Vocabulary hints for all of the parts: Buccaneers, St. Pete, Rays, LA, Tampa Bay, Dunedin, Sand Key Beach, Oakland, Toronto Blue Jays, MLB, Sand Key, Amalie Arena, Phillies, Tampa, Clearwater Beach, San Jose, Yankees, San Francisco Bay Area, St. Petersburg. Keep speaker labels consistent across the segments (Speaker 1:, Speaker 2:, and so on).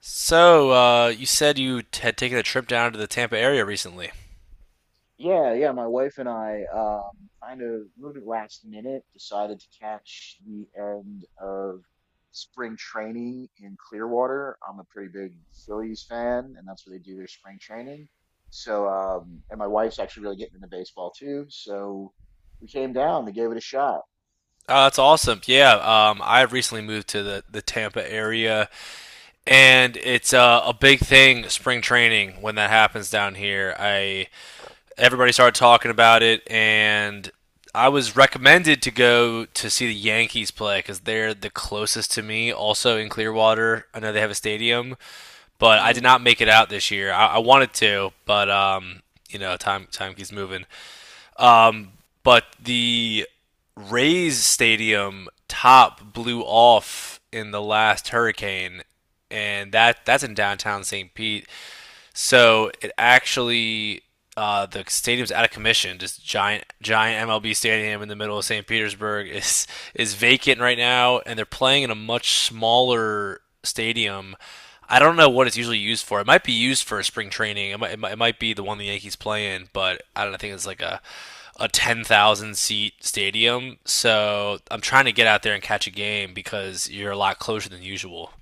Speaker 1: You said you had taken a trip down to the Tampa area recently.
Speaker 2: Yeah, yeah, my wife and I kind of moved it last minute, decided to catch the end of spring training in Clearwater. I'm a pretty big Phillies fan, and that's where they do their spring training. And my wife's actually really getting into baseball too. So we came down, we gave it a shot.
Speaker 1: That's awesome. Yeah, I've recently moved to the Tampa area, and it's a big thing, spring training, when that happens down here. I everybody started talking about it, and I was recommended to go to see the Yankees play because they're the closest to me, also in Clearwater. I know they have a stadium, but I did
Speaker 2: Hmm.
Speaker 1: not make it out this year. I wanted to, but time keeps moving. Um, but the Rays stadium top blew off in the last hurricane, and that's in downtown St. Pete. So it actually, the stadium's out of commission. This giant MLB stadium in the middle of St. Petersburg is vacant right now, and they're playing in a much smaller stadium. I don't know what it's usually used for. It might be used for a spring training. It might be the one the Yankees play in, but I don't know, I think it's like a 10,000 seat stadium. So I'm trying to get out there and catch a game because you're a lot closer than usual.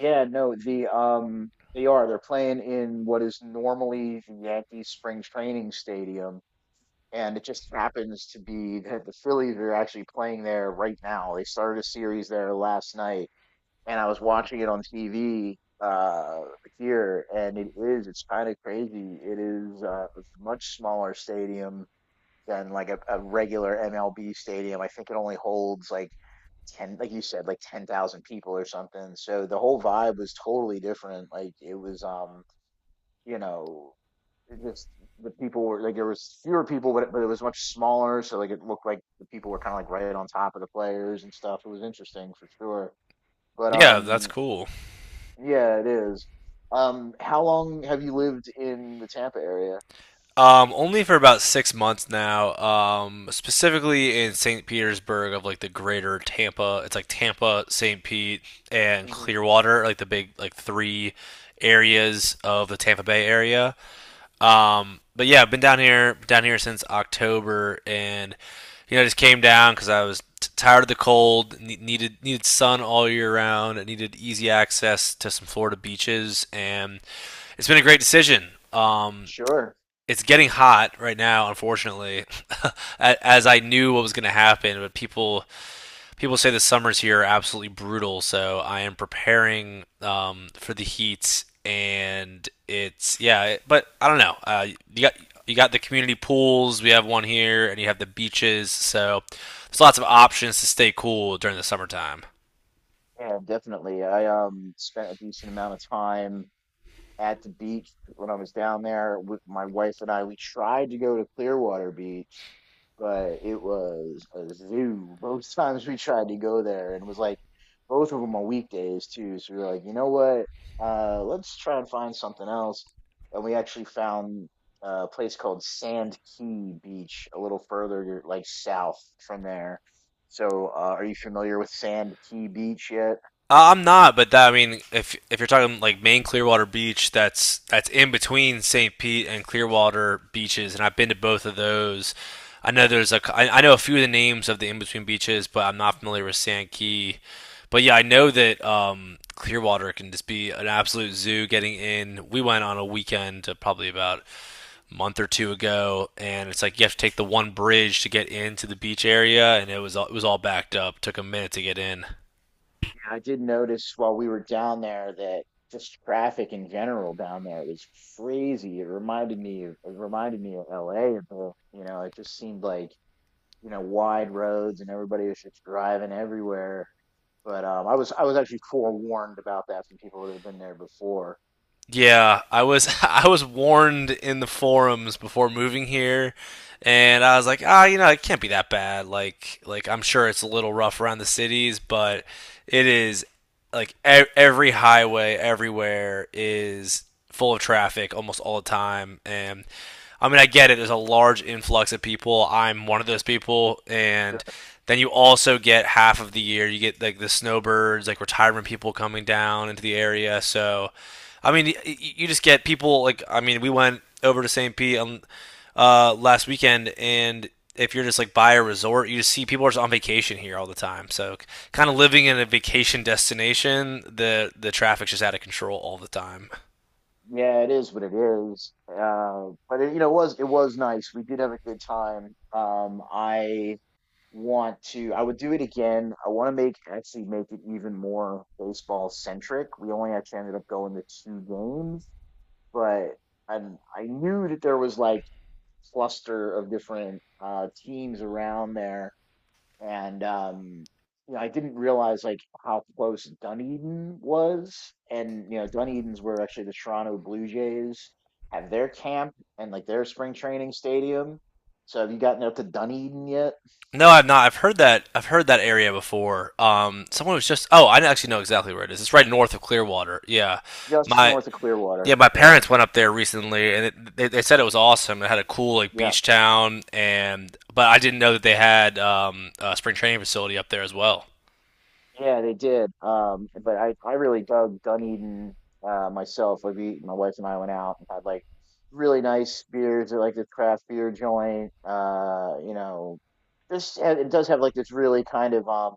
Speaker 2: Yeah, no, the they are. They're playing in what is normally the Yankees spring training stadium, and it just happens to be that the Phillies are actually playing there right now. They started a series there last night, and I was watching it on TV uh here, and it's kind of crazy. It is a much smaller stadium than like a regular MLB stadium. I think it only holds like ten, like you said, like 10,000 people or something. So the whole vibe was totally different. Like it was you know, just, the people were like, there was fewer people, but it was much smaller. So like it looked like the people were kind of like right on top of the players and stuff. It was interesting for sure. But
Speaker 1: Yeah, that's cool.
Speaker 2: yeah, it is. How long have you lived in the Tampa area?
Speaker 1: Only for about 6 months now. Specifically in St. Petersburg of like the greater Tampa. It's like Tampa, St. Pete, and
Speaker 2: Hmm.
Speaker 1: Clearwater, like the big like three areas of the Tampa Bay area. But yeah, I've been down here since October, and you know I just came down because I was tired of the cold, needed sun all year round, and needed easy access to some Florida beaches, and it's been a great decision.
Speaker 2: Sure.
Speaker 1: It's getting hot right now, unfortunately, as I knew what was going to happen. But people say the summers here are absolutely brutal, so I am preparing for the heat. And it's yeah, but I don't know. You got you got the community pools. We have one here, and you have the beaches. So there's lots of options to stay cool during the summertime.
Speaker 2: Yeah, definitely. I spent a decent amount of time at the beach when I was down there with my wife and I. We tried to go to Clearwater Beach, but it was a zoo. Both times we tried to go there, and it was like both of them on weekdays too. So we were like, you know what? Let's try and find something else. And we actually found a place called Sand Key Beach, a little further like south from there. So, are you familiar with Sand Key Beach yet?
Speaker 1: I'm not, but that, I mean, if you're talking like main Clearwater Beach, that's in between St. Pete and Clearwater beaches, and I've been to both of those. I know there's a, I know a few of the names of the in between beaches, but I'm not familiar with Sand Key. But yeah, I know that Clearwater can just be an absolute zoo. Getting in, we went on a weekend probably about a month or two ago, and it's like you have to take the one bridge to get into the beach area, and it was all backed up. It Took a minute to get in.
Speaker 2: I did notice while we were down there that just traffic in general down there was crazy. It reminded me of LA bit. You know, it just seemed like, you know, wide roads and everybody was just driving everywhere. But I was actually forewarned about that from people that had been there before.
Speaker 1: Yeah, I was I was warned in the forums before moving here, and I was like, ah, you know, it can't be that bad. Like, I'm sure it's a little rough around the cities, but it is like every highway everywhere is full of traffic almost all the time, and I mean, I get it. There's a large influx of people. I'm one of those people, and then you also get half of the year. You get like the snowbirds, like retirement people coming down into the area. So I mean, you just get people like I mean, we went over to St. Pete on last weekend, and if you're just like by a resort, you just see people are just on vacation here all the time. So, kind of living in a vacation destination, the traffic's just out of control all the time.
Speaker 2: Yeah, it is what it is. But it, you know, it was nice. We did have a good time. I would do it again. I want to make, actually make it even more baseball centric. We only actually ended up going to two games, but I I knew that there was like cluster of different teams around there, and you know, I didn't realize like how close Dunedin was, and you know, Dunedin's where actually the Toronto Blue Jays have their camp and like their spring training stadium. So have you gotten up to Dunedin yet?
Speaker 1: No, I've not. I've heard that. I've heard that area before. Someone was just. Oh, I actually know exactly where it is. It's right north of Clearwater. Yeah,
Speaker 2: Just
Speaker 1: my
Speaker 2: north of Clearwater.
Speaker 1: Yeah, my
Speaker 2: Yeah,
Speaker 1: parents went up there recently, and it, they said it was awesome. It had a cool like
Speaker 2: yeah,
Speaker 1: beach town, and but I didn't know that they had a spring training facility up there as well.
Speaker 2: yeah. They did. But I really dug Dunedin, myself. My wife and I went out and had like really nice beers at like this craft beer joint. You know, this and it does have like this really kind of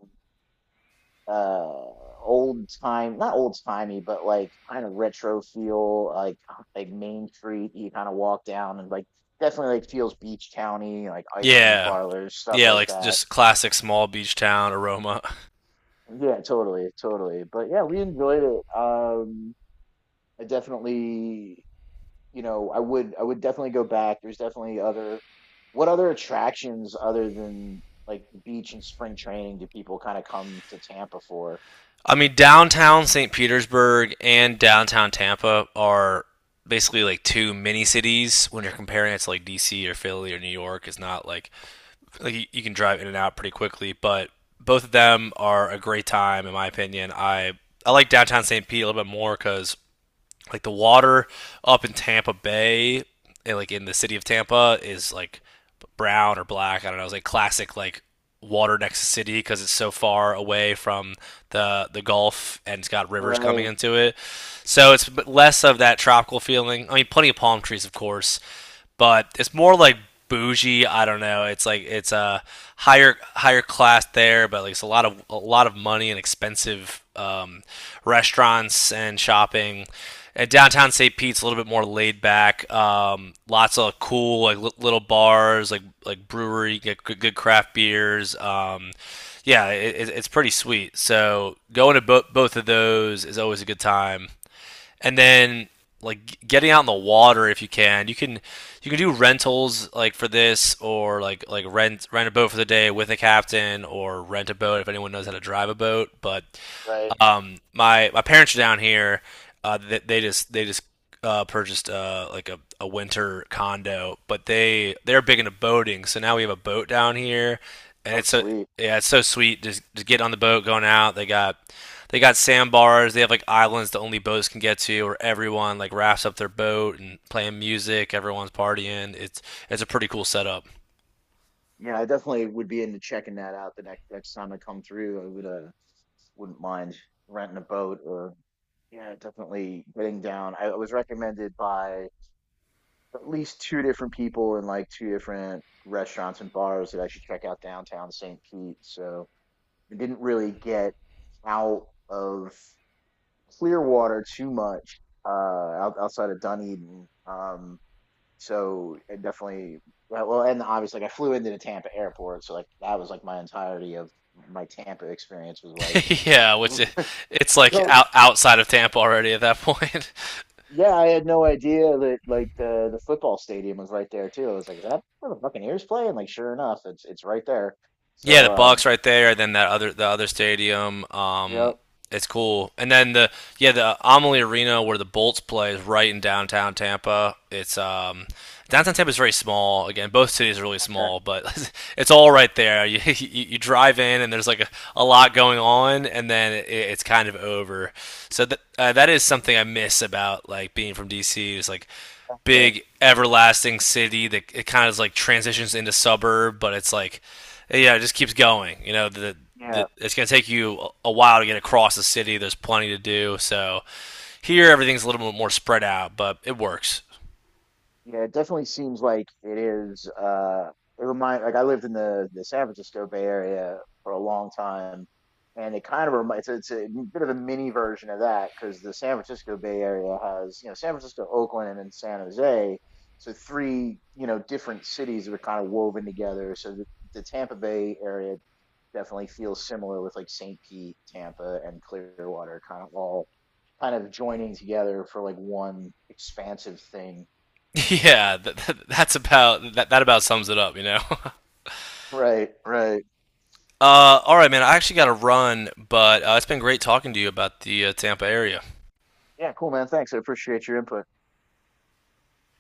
Speaker 2: uh old time, not old timey, but like kind of retro feel. Like Main Street, you kind of walk down, and like definitely like feels beach county, like ice cream
Speaker 1: Yeah,
Speaker 2: parlors, stuff
Speaker 1: yeah,
Speaker 2: like
Speaker 1: like
Speaker 2: that.
Speaker 1: just classic small beach town aroma.
Speaker 2: Yeah, totally, totally. But yeah, we enjoyed it. I definitely, you know, I would definitely go back. There's definitely other, what other attractions other than like the beach and spring training do people kind of come to Tampa for?
Speaker 1: I mean, downtown St. Petersburg and downtown Tampa are basically like two mini cities when you're comparing it to like DC or Philly or New York. It's not like like you can drive in and out pretty quickly. But both of them are a great time, in my opinion. I like downtown St. Pete a little bit more because like the water up in Tampa Bay, and, like in the city of Tampa, is like brown or black. I don't know. It's like classic like water next to city because it's so far away from the Gulf and it's got rivers coming
Speaker 2: Right,
Speaker 1: into it. So it's less of that tropical feeling. I mean, plenty of palm trees, of course, but it's more like bougie. I don't know. It's like it's a higher class there, but like it's a lot of money and expensive restaurants and shopping. At downtown St. Pete's, a little bit more laid back. Lots of cool like little bars, like brewery, get good craft beers. Yeah, it's pretty sweet. So going to both of those is always a good time and then like getting out in the water if you can. You can do rentals like for this or like rent a boat for the day with a captain or rent a boat if anyone knows how to drive a boat. But
Speaker 2: right.
Speaker 1: my parents are down here. They just purchased like a winter condo, but they're big into boating. So now we have a boat down here, and
Speaker 2: Oh,
Speaker 1: it's a
Speaker 2: sweet.
Speaker 1: yeah, it's so sweet. Just get on the boat, going out. They got sandbars. They have like islands that only boats can get to, where everyone like wraps up their boat and playing music. Everyone's partying. It's a pretty cool setup.
Speaker 2: Yeah, I definitely would be into checking that out the next time I come through. I would, wouldn't mind renting a boat, or yeah, definitely getting down. I was recommended by at least two different people in like two different restaurants and bars that I should check out downtown St. Pete. So I didn't really get out of Clearwater too much, outside of Dunedin. So it definitely and obviously like I flew into the Tampa airport, so like that was like my entirety of my Tampa experience was like
Speaker 1: Yeah, it's like
Speaker 2: go
Speaker 1: outside of Tampa already at that point.
Speaker 2: yeah, I had no idea that like the football stadium was right there too. I was like, is that where the Buccaneers play? And like, sure enough, it's right there.
Speaker 1: Yeah,
Speaker 2: So
Speaker 1: the Bucks right there, and then that other the other stadium.
Speaker 2: yep,
Speaker 1: It's cool. And then the yeah the Amalie Arena where the Bolts play is right in downtown Tampa. It's downtown Tampa is very small. Again, both cities are really
Speaker 2: okay,
Speaker 1: small, but it's all right there. You drive in and there's like a lot going on, and then it's kind of over. So that that is something I miss about like being from DC. It's like
Speaker 2: okay,
Speaker 1: big everlasting city that it kind of like transitions into suburb, but it's like yeah, it just keeps going. You know, the
Speaker 2: yeah.
Speaker 1: it's going to take you a while to get across the city. There's plenty to do. So here everything's a little bit more spread out, but it works.
Speaker 2: Yeah, it definitely seems like it is. It remind, like I lived in the San Francisco Bay Area for a long time, and it kind of reminds, it's a bit of a mini version of that, because the San Francisco Bay Area has, you know, San Francisco, Oakland, and San Jose, so three, you know, different cities that are kind of woven together. The Tampa Bay area definitely feels similar with like St. Pete, Tampa, and Clearwater, kind of all kind of joining together for like one expansive thing.
Speaker 1: Yeah, that's about that about sums it up, you know.
Speaker 2: Right, right.
Speaker 1: All right, man, I actually got to run, but it's been great talking to you about the Tampa area.
Speaker 2: Yeah, cool, man. Thanks. I appreciate your input.